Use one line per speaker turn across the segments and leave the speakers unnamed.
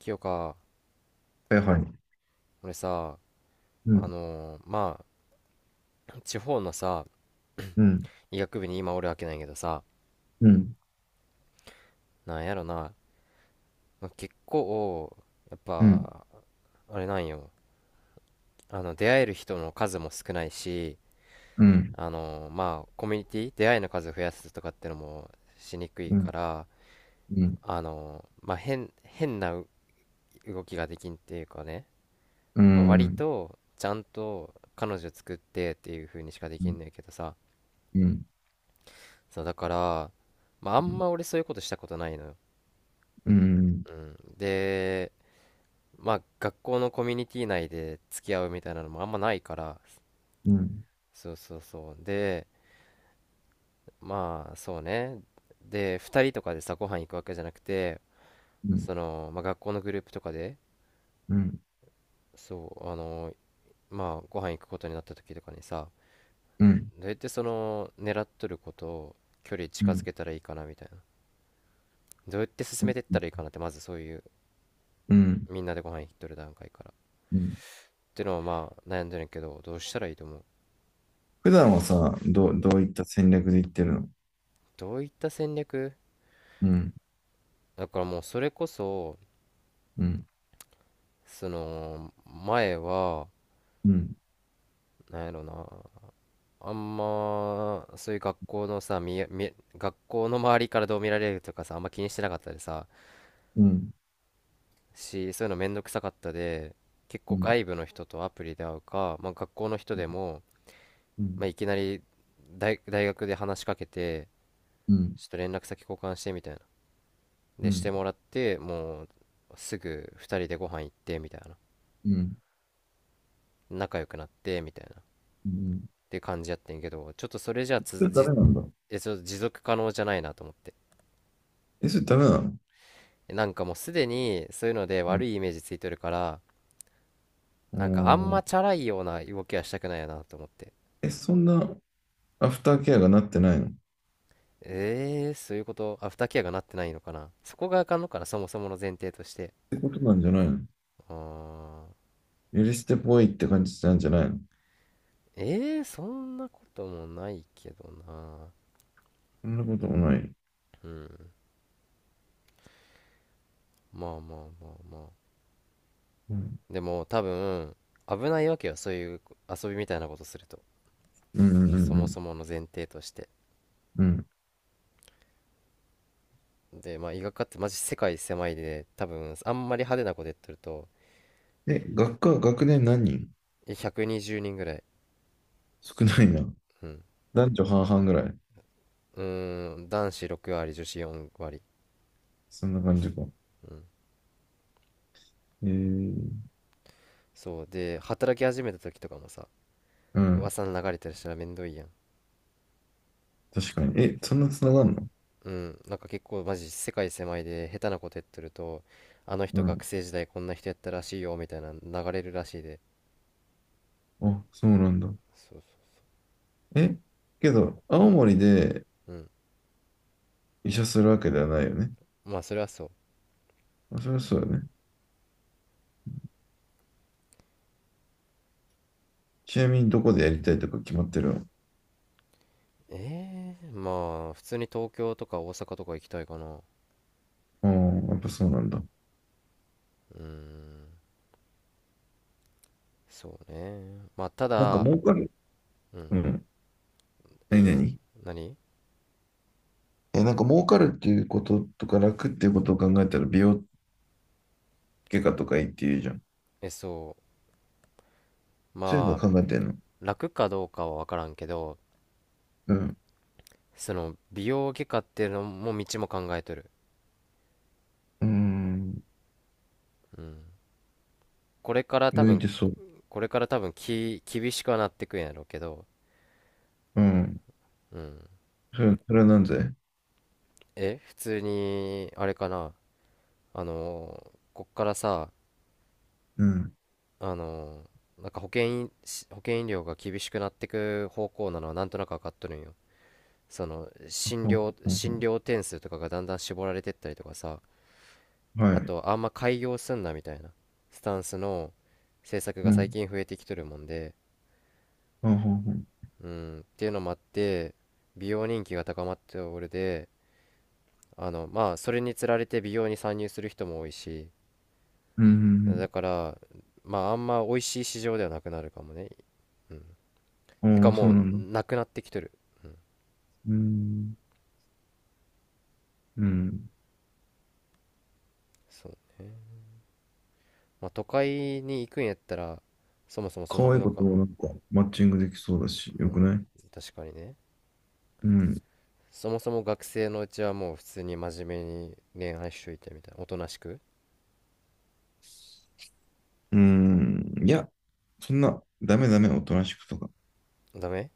清か。
はいはい。
俺さ、
うん、
あのーま地方のさ、
うん、
医学部に今おるわけないけどさ、
うん、
なんやろな、結構やっ
うん、
ぱあれなんよ。出会える人の数も少ないし、
うん、
コミュニティ出会いの数を増やすとかってのもしにくい
う
か
ん、
ら、
うん、
変な動きができんっていうかね、
うん、
まあ、
う
割
ん、
とちゃんと彼女作ってっていう風にしかできんねんけどさ。
うん、
そうだから、まあ、あ
う
ん
ん、
ま俺そういうことしたことないのよ。
うん、
うん。で、まあ学校のコミュニティ内で付き合うみたいなのもあんまないから、
うん、
そうそうそう。で、まあそうね。で、2人とかでさ、ご飯行くわけじゃなくて、
うん、
その、まあ、学校のグループとかで、
うん、
そうご飯行くことになった時とかにさ、
うん、
どうやってその狙っとることを、距離近づけたらいいかなみたいな、どうやって進めてったらいいかなって、まずそういう
うん。
みんなでご飯行っとる段階から
うん、
ってのはまあ悩んでるんやけど、どうしたらいいと思う？
普段はさ、
うん、
どういった戦略で言ってるの？
どういった戦略。
うん、
だからもうそれこそ、
うん、
その前は
うん、
なんやろな、あんまそういう学校のさ学校の周りからどう見られるとかさ、あんま気にしてなかったでさ、
うん、
しそういうのめんどくさかったで、結
う
構
ん、
外部の人とアプリで会うか、まあ、学校の人でも、
う
まあ、
ん、
いきなり大学で話しかけて、
うん、
ちょっと連絡先交換してみたいな。
う
でして
ん、
もらって、もうすぐ2人でご飯行ってみたいな、
うん、
仲良くなってみたいなっ
うん。
て感じやってんけど、ちょっとそれじゃ
それダメなんだ。
ちょっと持続可能じゃないなと思って、
え、それダメなの？
なんかもうすでにそういうので
う
悪
ん。
いイメージついてるから、
お
なんかあん
ー。
まチャラいような動きはしたくないよなと思って。
え、そんな、アフターケアがなってないのっ
そういうこと、アフターケアがなってないのかな、そこがあかんのかな、そもそもの前提として。
てことなんじゃないの？
あー。
許してぽいって感じなんじゃないの？
えー、そんなこともないけどな。
そんなこともない。
うん。まあまあ、まあまあ、
うん。
でも多分危ないわけよ、そういう遊びみたいなことすると、
うんうんう
そ
んう
も
ん。
そもの前提として。
うん。
で、まあ医学科ってマジ世界狭いで、多分あんまり派手なことやってると、
え、学年何人？
120人ぐらい。
少ないな。
うん。
男女半々ぐらい。
うーん、男子6割、女子4割。
そんな感じか。
うん、
えー、
そうで働き始めた時とかもさ、
うん。
噂の流れたりしたらめんどいやん。
確かに。え、そんなつながんの？
うん、なんか結構マジ世界狭いで、下手なことやってると、あの
う
人
ん。
学生時代こんな人やったらしいよみたいな、流れるらしいで。
あ、そうなんだ。
そうそ
え、けど、青森で
う。うん、
医者するわけではないよね。
まあそれはそう。
まあ、そりゃそうだよね。ちなみにどこでやりたいとか決まってるの？
ええ、まあ普通に東京とか大阪とか行きたいかな。
ああー、やっぱそうなんだ。
うーん、そうね、まあた
なんか
だ、
儲かる。
うん、
うん。
い
何
いよ。
何？
何？
え、なんか儲かるっていうこととか楽っていうことを考えたら美容外科とかいいって言うじゃん。
え、そう、
そういうの
まあ、
考えてんの？
楽かどうかは分からんけど、
うん。
その美容外科っていうのも道も考えとる。
うん。
うん。これから多
向い
分
てそう。
これから多分厳しくはなってくんやろうけど、
うん。
うん。
それはなんぜ。
普通にあれかな。こっからさ、
うん。
あのなんか保険医保険医療が厳しくなってく方向なのはなんとなく分かっとるんよ。その、
ほうほう
診
ほ
療点数とかがだんだん絞られてったりとかさ、
う、は
あ
い。
と、あんま開業すんなみたいなスタンスの政策
う
が最
ん。
近増えてきとるもんで、
ほうほうほう。
うん、っていうのもあって、美容人気が高まっておるで、それにつられて美容に参入する人も多いし、
う
だ
ん。
から、まああんま美味しい市場ではなくなるかもね。
あ
てか、
あ、そ
も
う
う
なんだ。
なくなってきとる。
うん。うん。
そう、まあ都会に行くんやったら、そもそもそん
可
なこ
愛い
と
子と
か。
もなんかマッチングできそうだし、よくない？
確かにね。
うん。
そもそも学生のうちは、もう普通に真面目に恋愛しといてみたいな、おとなしく。
うん。いや、そんな、ダメダメ、おとなしくとか。
ダメ？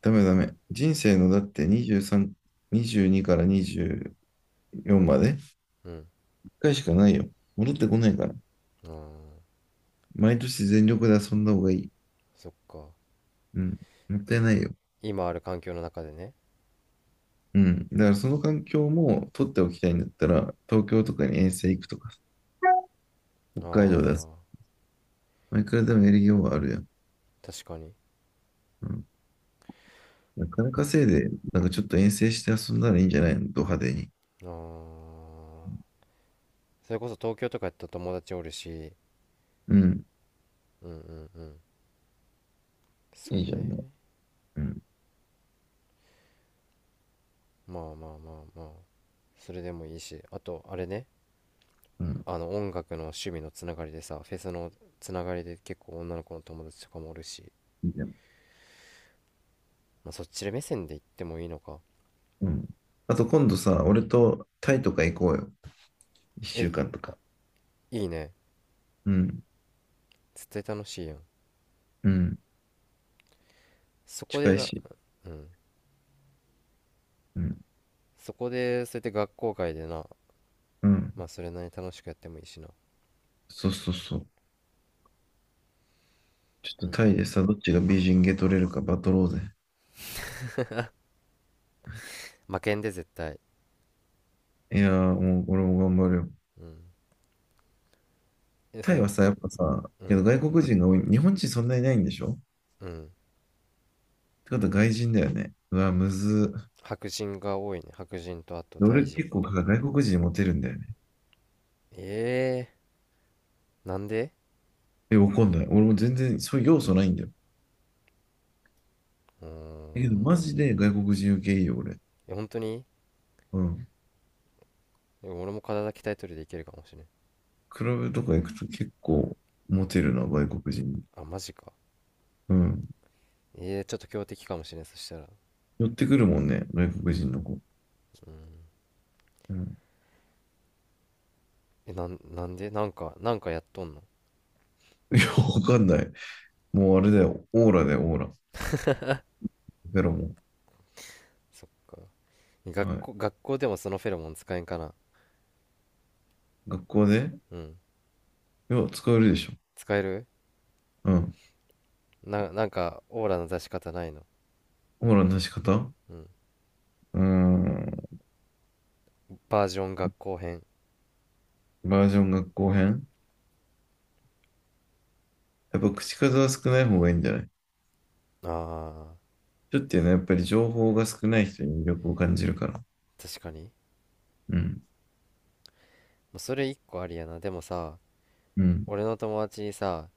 ダメダメ。人生のだって23、22から24まで、一
うん。
回しかないよ。戻ってこないから。
あー、
毎年全力で遊んだ方がいい。
そっか。
うん。もったいないよ。
今ある環境の中でね。
うん。だからその環境も取っておきたいんだったら、東京とかに遠征行くとか、北海道だ。
あ
まあ、いくらでもやりようはあるやん。
ー、確かに。
うん。なかなかいで、なんかちょっと遠征して遊んだらいいんじゃないの、ド派手に。
あー、それこそ東京とかやったら友達おるし、
うん。
うんうんうん、そ
いい
う
じゃんね。
ね。
うん。
まあまあまあまあ、それでもいいし、あとあれね、
うん。
音楽の趣味のつながりでさ、フェスのつながりで結構女の子の友達とかもおるし、
いいじゃん。
まあ、そっちで目線で行ってもいいのか。
うん。あと今度さ、俺とタイとか行こうよ。一
え、
週
い
間とか。
いいね。
うん。
絶対楽しいやん。
うん。
そこで
近い
な、
し。
うん、
うん。
そこでそうやって学校外でな、
うん。
まあそれなりに楽しくやってもいいしな。
そうそうそう。ちょっと
う
タ
ん。
イでさ、どっちが美人ゲ取れるかバトろうぜ。
負けんで絶対。
いやー、もう俺も頑張るよ。
うん、え、そ
タイ
れ、
はさ、やっぱさ、
う
け
ん、
ど外国人が多い。日本人そんなにいないんでしょ？っ
うん、
てことは外人だよね。うわ、むず。
白人が多いね、白人と、あとタイ
俺
人。
結構外国人にモテるんだよね。
ええー、なんで？
え、わかんない。俺も全然そういう要素ないんだよ。
うん、
だけどマジで外国人受けいいよ、俺。
え、本当に？
うん。
でも俺も体鍛えとルでいけるかもしれん。
クラブとか行くと結構モテるな、外国人に。
あ、マジか。
うん。
えー、ちょっと強敵かもしれん、そしたら。
寄ってくるもんね、外国人の子。
うん。
うん。
え、なんでなんかやっとんの？
いや、わかんない。もうあれだよ。オーラだよ、オーラ。ベロも。
そっか。学
はい。
校、学校でもそのフェロモン使えんかな。
学校で、
うん。
いや、使えるでしょ。
使える？
うん。
なんか、オーラの出し方ないの？
オーラの出し方、う
うん。
ーん。
バージョン学校編。
バージョン学校編。やっぱ口数は少ない方がいいんじゃない？
あ
ちょっていうのはやっぱり情報が少ない人に魅力を感じるから。
ー、確かに。
うん、
まあそれ一個ありやな。でもさ、
うん、
俺の友達にさ、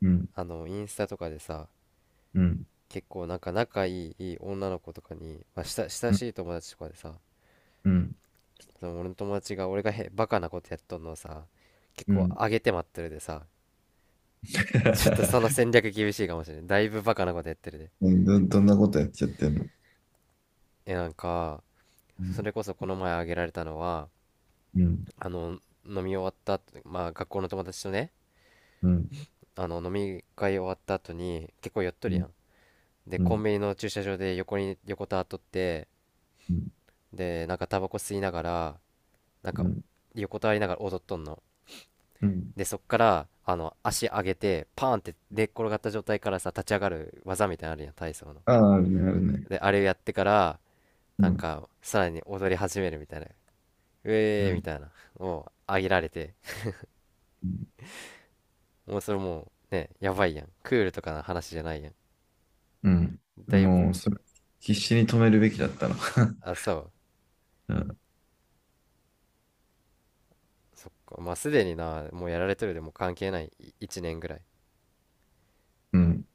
うん、
インスタとかでさ、
うん、
結構なんか仲いい、いい女の子とかに、まあ、親
うん、
しい友達とかでさ、
うん、
その俺の友達が、俺がバカなことやっとんのをさ、結
う
構
ん。
上げて待ってるでさ。ちょっとその 戦略厳しいかもしれない、だいぶバカなことやってるで。
うん、どんなことやっちゃってんの？
え、なんか、
う
そ
ん、
れこそこの前あげられたのは、
うん、
あの飲み終わった後、まあ学校の友達とね、
うん、
飲み会終わった後に結構酔っと
う
る
ん、
やん。で、
う
コ
ん、
ンビニの駐車場で横に横たわっとって、で、なんかタバコ吸いながら、なん
う
か
ん、
横たわりながら踊っとんの。
うん。
で、そっから、足上げて、パーンって寝っ転がった状態からさ、立ち上がる技みたいなのあるやん、体操の。
ああ、あるね、あるね。
で、あれをやってから、な
う
ん
ん、
か、さらに踊り始めるみたいな。
う
えーみ
ん、
たいな。もう上げられて、
うん。
もうそれもう、ね、やばいやん。クールとかの話じゃないやん。
うん、
だいぶ、
もう、それ、必死に止めるべきだったの？
あ、そう。
うん、
そっか。まあ、すでにな、もうやられてるでも関係ない。1年ぐらい。
うん。